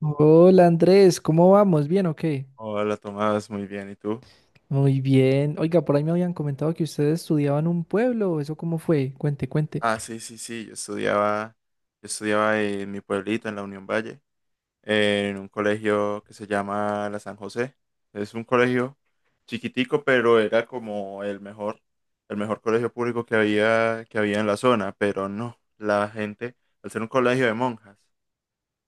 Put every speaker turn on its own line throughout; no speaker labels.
Hola Andrés, ¿cómo vamos? ¿Bien o qué?
Hola, Tomás, muy bien, ¿y tú?
Muy bien. Oiga, por ahí me habían comentado que ustedes estudiaban en un pueblo. ¿Eso cómo fue? Cuente, cuente.
Ah, sí, yo estudiaba en mi pueblito, en la Unión Valle, en un colegio que se llama La San José. Es un colegio chiquitico, pero era como el mejor colegio público que había en la zona, pero no, la gente, al ser un colegio de monjas,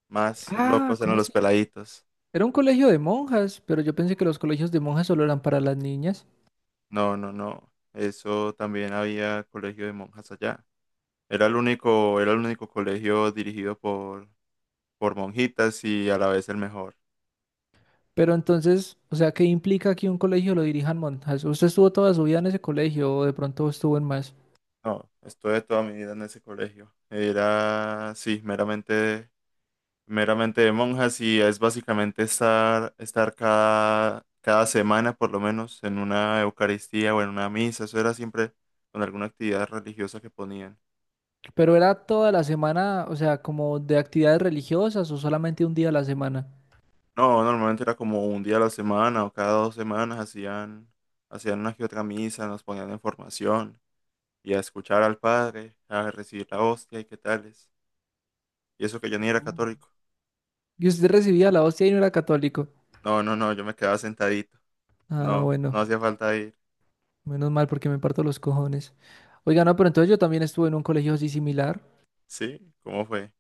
más
Ah,
locos eran
¿cómo
los
así?
peladitos.
Era un colegio de monjas, pero yo pensé que los colegios de monjas solo eran para las niñas.
No, eso también había colegio de monjas allá. Era el único colegio dirigido por monjitas y a la vez el mejor.
Pero entonces, o sea, ¿qué implica que un colegio lo dirijan monjas? ¿Usted estuvo toda su vida en ese colegio o de pronto estuvo en más?
No, estuve toda mi vida en ese colegio. Era, sí, meramente de monjas y es básicamente estar cada semana por lo menos en una Eucaristía o en una misa. Eso era siempre con alguna actividad religiosa que ponían.
Pero era toda la semana, o sea, como de actividades religiosas o solamente un día a la semana.
No, normalmente era como un día a la semana o cada dos semanas hacían una que otra misa, nos ponían en formación y a escuchar al Padre, a recibir la hostia y qué tales. Y eso que yo ni era
Oh.
católico.
Y usted recibía la hostia y no era católico.
No, yo me quedaba sentadito.
Ah,
No,
bueno.
no hacía falta ir.
Menos mal porque me parto los cojones. Oiga, no, pero entonces yo también estuve en un colegio así similar.
¿Sí? ¿Cómo fue?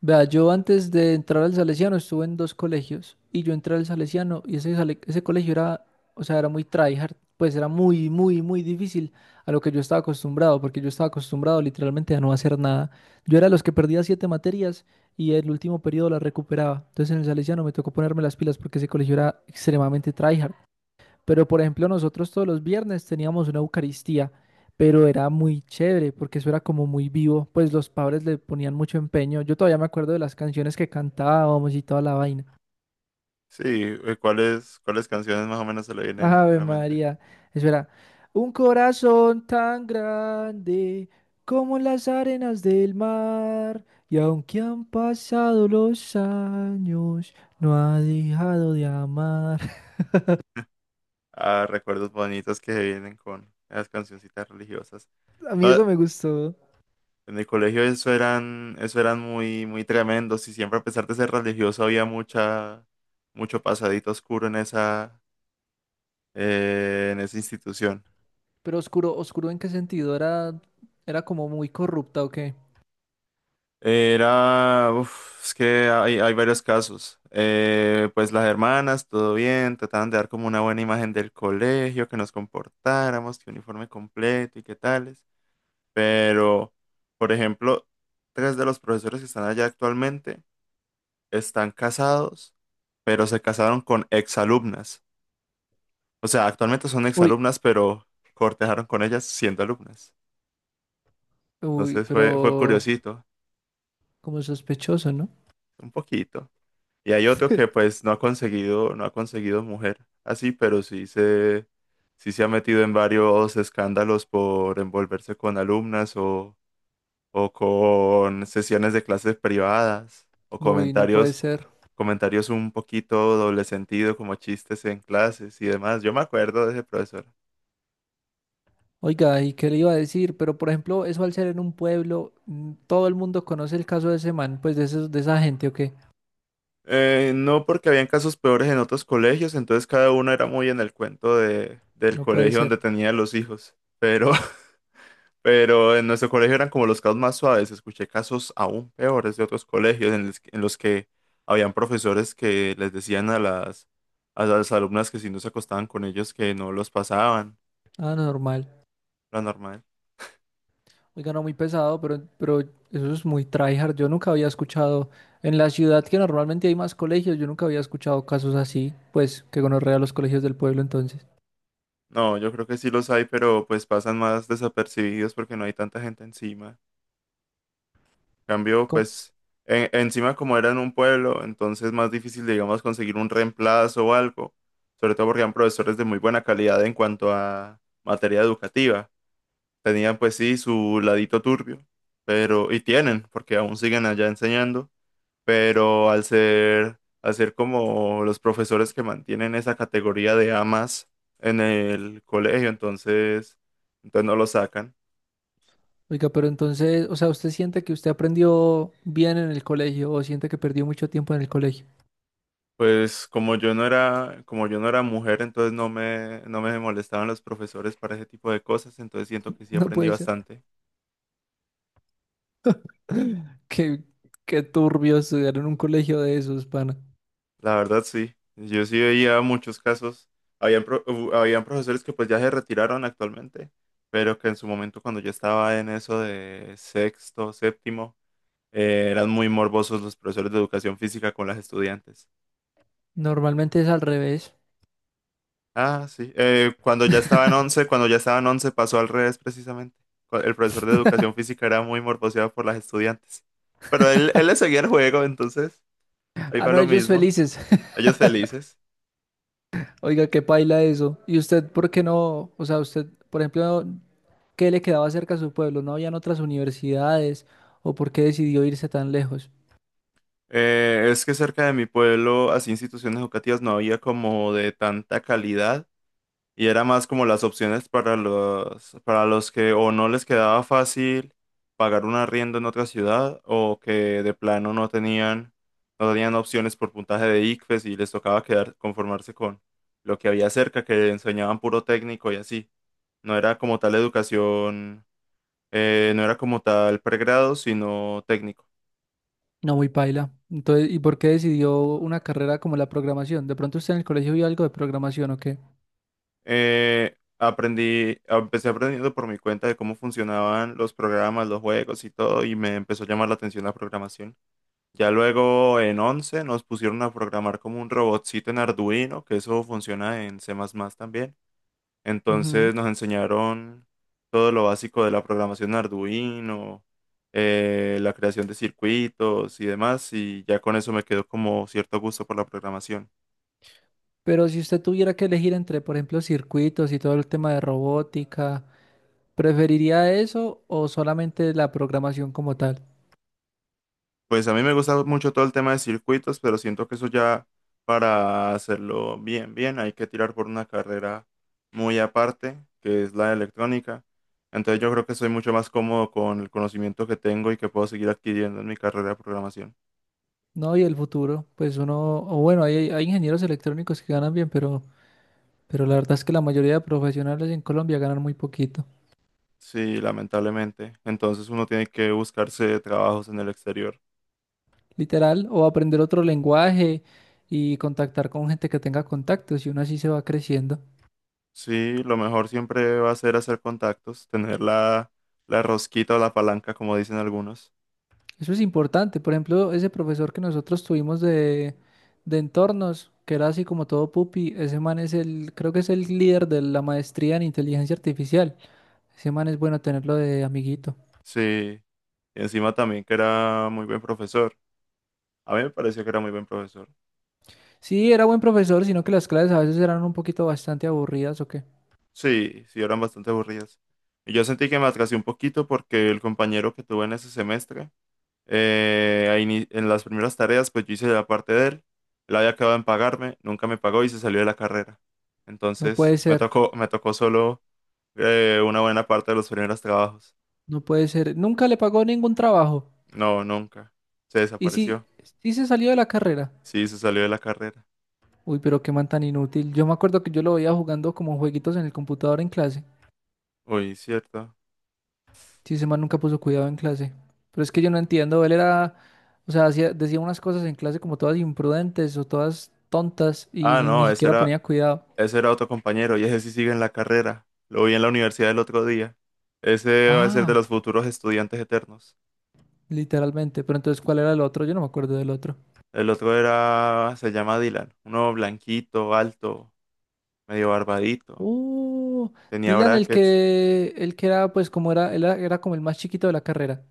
Vea, yo antes de entrar al Salesiano estuve en dos colegios y yo entré al Salesiano y ese colegio era, o sea, era muy tryhard, pues era muy, muy difícil a lo que yo estaba acostumbrado, porque yo estaba acostumbrado literalmente a no hacer nada. Yo era de los que perdía siete materias y el último periodo las recuperaba. Entonces en el Salesiano me tocó ponerme las pilas porque ese colegio era extremadamente tryhard. Pero por ejemplo, nosotros todos los viernes teníamos una Eucaristía, pero era muy chévere porque eso era como muy vivo, pues los padres le ponían mucho empeño. Yo todavía me acuerdo de las canciones que cantábamos y toda la vaina.
Sí, ¿cuáles canciones más o menos se le vienen a
Ave
la mente?
María, eso era un corazón tan grande como las arenas del mar, y aunque han pasado los años, no ha dejado de amar.
Ah, recuerdos bonitos que se vienen con las cancioncitas religiosas.
A mí
No,
eso me gustó.
en el colegio eso eran muy, muy tremendos y siempre a pesar de ser religioso había mucha, mucho pasadito oscuro en en esa institución.
Pero oscuro, oscuro ¿en qué sentido? ¿Era, era como muy corrupta o qué?
Era, uf, es que hay varios casos. Pues las hermanas, todo bien, trataban de dar como una buena imagen del colegio, que nos comportáramos, que uniforme completo y qué tales. Pero, por ejemplo, tres de los profesores que están allá actualmente están casados, pero se casaron con exalumnas. O sea, actualmente son
Uy,
exalumnas, pero cortejaron con ellas siendo alumnas.
uy,
Entonces fue
pero
curiosito,
como sospechoso, ¿no?
un poquito. Y hay otro que pues no ha conseguido mujer así, pero sí se ha metido en varios escándalos por envolverse con alumnas o con sesiones de clases privadas o
Uy, no puede ser.
comentarios un poquito doble sentido como chistes en clases y demás. Yo me acuerdo de ese profesor.
Oiga, ¿y qué le iba a decir? Pero por ejemplo, eso al ser en un pueblo, todo el mundo conoce el caso de ese man, pues de esos, de esa gente o qué.
No porque habían casos peores en otros colegios, entonces cada uno era muy en el cuento del
No puede
colegio donde
ser.
tenía los hijos. Pero en nuestro colegio eran como los casos más suaves. Escuché casos aún peores de otros colegios en los que habían profesores que les decían a a las alumnas que si no se acostaban con ellos que no los pasaban,
Ah, normal.
lo normal.
Oiga, no muy pesado, pero eso es muy tryhard. Yo nunca había escuchado en la ciudad que normalmente hay más colegios, yo nunca había escuchado casos así, pues que gonorrea los colegios del pueblo entonces.
No, yo creo que sí los hay, pero pues pasan más desapercibidos porque no hay tanta gente encima. En cambio,
¿Cómo-
pues encima como era en un pueblo, entonces más difícil, digamos, conseguir un reemplazo o algo. Sobre todo porque eran profesores de muy buena calidad en cuanto a materia educativa. Tenían pues sí su ladito turbio, pero, y tienen, porque aún siguen allá enseñando, pero al ser como los profesores que mantienen esa categoría de amas en el colegio, entonces no lo sacan.
Oiga, pero entonces, o sea, ¿usted siente que usted aprendió bien en el colegio o siente que perdió mucho tiempo en el colegio?
Pues como yo no era mujer, entonces no me molestaban los profesores para ese tipo de cosas, entonces siento que sí
No
aprendí
puede ser.
bastante.
Qué, qué turbio estudiar en un colegio de esos, pana.
La verdad sí, yo sí veía muchos casos, habían profesores que pues ya se retiraron actualmente, pero que en su momento cuando yo estaba en eso de sexto, séptimo, eran muy morbosos los profesores de educación física con las estudiantes.
Normalmente es al revés.
Ah, sí, cuando ya estaba en once pasó al revés precisamente. El profesor de educación física era muy morboseado por las estudiantes, pero él le seguía el juego, entonces ahí
Ah,
va
no,
lo
ellos
mismo,
felices.
ellos felices.
Oiga, qué paila eso. ¿Y usted por qué no? O sea, usted, por ejemplo, ¿qué le quedaba cerca a su pueblo? ¿No habían otras universidades? ¿O por qué decidió irse tan lejos?
Es que cerca de mi pueblo, así instituciones educativas no había como de tanta calidad y era más como las opciones para para los que o no les quedaba fácil pagar un arriendo en otra ciudad o que de plano no tenían opciones por puntaje de ICFES y les tocaba quedar, conformarse con lo que había cerca, que enseñaban puro técnico y así. No era como tal educación, no era como tal pregrado, sino técnico.
No, muy paila. Entonces, ¿y por qué decidió una carrera como la programación? De pronto usted en el colegio vio algo de programación, ¿o qué?
Empecé aprendiendo por mi cuenta de cómo funcionaban los programas, los juegos y todo, y me empezó a llamar la atención la programación. Ya luego en 11 nos pusieron a programar como un robotcito en Arduino, que eso funciona en C++ también.
Ujú.
Entonces nos enseñaron todo lo básico de la programación en Arduino, la creación de circuitos y demás, y ya con eso me quedó como cierto gusto por la programación.
Pero si usted tuviera que elegir entre, por ejemplo, circuitos y todo el tema de robótica, ¿preferiría eso o solamente la programación como tal?
Pues a mí me gusta mucho todo el tema de circuitos, pero siento que eso ya para hacerlo bien, hay que tirar por una carrera muy aparte, que es la de electrónica. Entonces yo creo que soy mucho más cómodo con el conocimiento que tengo y que puedo seguir adquiriendo en mi carrera de programación.
No, y el futuro, pues uno, o bueno, hay ingenieros electrónicos que ganan bien, pero la verdad es que la mayoría de profesionales en Colombia ganan muy poquito.
Sí, lamentablemente. Entonces uno tiene que buscarse trabajos en el exterior.
Literal, o aprender otro lenguaje y contactar con gente que tenga contactos y uno así se va creciendo.
Sí, lo mejor siempre va a ser hacer contactos, tener la rosquita o la palanca, como dicen algunos.
Eso es importante. Por ejemplo, ese profesor que nosotros tuvimos de entornos, que era así como todo pupi, ese man es el, creo que es el líder de la maestría en inteligencia artificial. Ese man es bueno tenerlo de amiguito.
Sí, y encima también que era muy buen profesor. A mí me pareció que era muy buen profesor.
Sí, era buen profesor, sino que las clases a veces eran un poquito bastante aburridas o qué.
Sí, sí, eran bastante aburridas. Y yo sentí que me atrasé un poquito porque el compañero que tuve en ese semestre, en las primeras tareas, pues yo hice la parte de él, él había acabado en pagarme, nunca me pagó y se salió de la carrera.
No
Entonces
puede ser,
me tocó solo una buena parte de los primeros trabajos.
no puede ser. Nunca le pagó ningún trabajo.
No, nunca. Se
Y sí,
desapareció.
sí se salió de la carrera.
Sí, se salió de la carrera.
Uy, pero qué man tan inútil. Yo me acuerdo que yo lo veía jugando como jueguitos en el computador en clase.
Uy, cierto.
Sí, ese man nunca puso cuidado en clase. Pero es que yo no entiendo, él era, o sea, decía unas cosas en clase como todas imprudentes o todas tontas y
Ah,
ni
no, ese
siquiera
era,
ponía cuidado.
Ese era otro compañero y ese sí sigue en la carrera. Lo vi en la universidad el otro día. Ese va a ser de
Ah,
los futuros estudiantes eternos.
literalmente. Pero entonces, ¿cuál era el otro? Yo no me acuerdo del otro.
El otro era, se llama Dylan. Uno blanquito, alto, medio barbadito.
Uh,
Tenía
Dylan,
brackets.
el que era, pues, él era, era como el más chiquito de la carrera.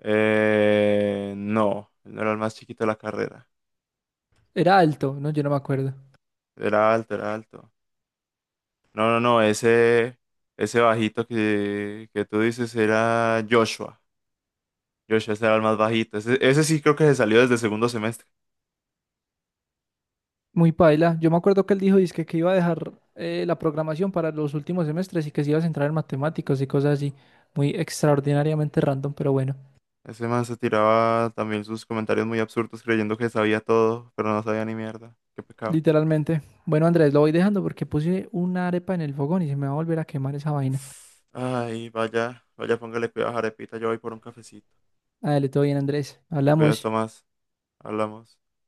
No, él no era el más chiquito de la carrera.
Era alto, ¿no? Yo no me acuerdo.
Era alto, era alto. No, ese bajito que tú dices era Joshua. Joshua, ese era el más bajito. Ese sí creo que se salió desde segundo semestre.
Muy paila. Yo me acuerdo que él dijo, dizque que iba a dejar la programación para los últimos semestres y que se iba a centrar en matemáticas y cosas así. Muy extraordinariamente random, pero bueno.
Ese man se tiraba también sus comentarios muy absurdos creyendo que sabía todo, pero no sabía ni mierda. Qué pecado.
Literalmente. Bueno, Andrés, lo voy dejando porque puse una arepa en el fogón y se me va a volver a quemar esa vaina.
Ay, vaya, vaya, póngale cuidado a Jarepita, yo voy por un cafecito.
Dale, todo bien, Andrés.
Te cuidas,
Hablamos.
Tomás. Hablamos.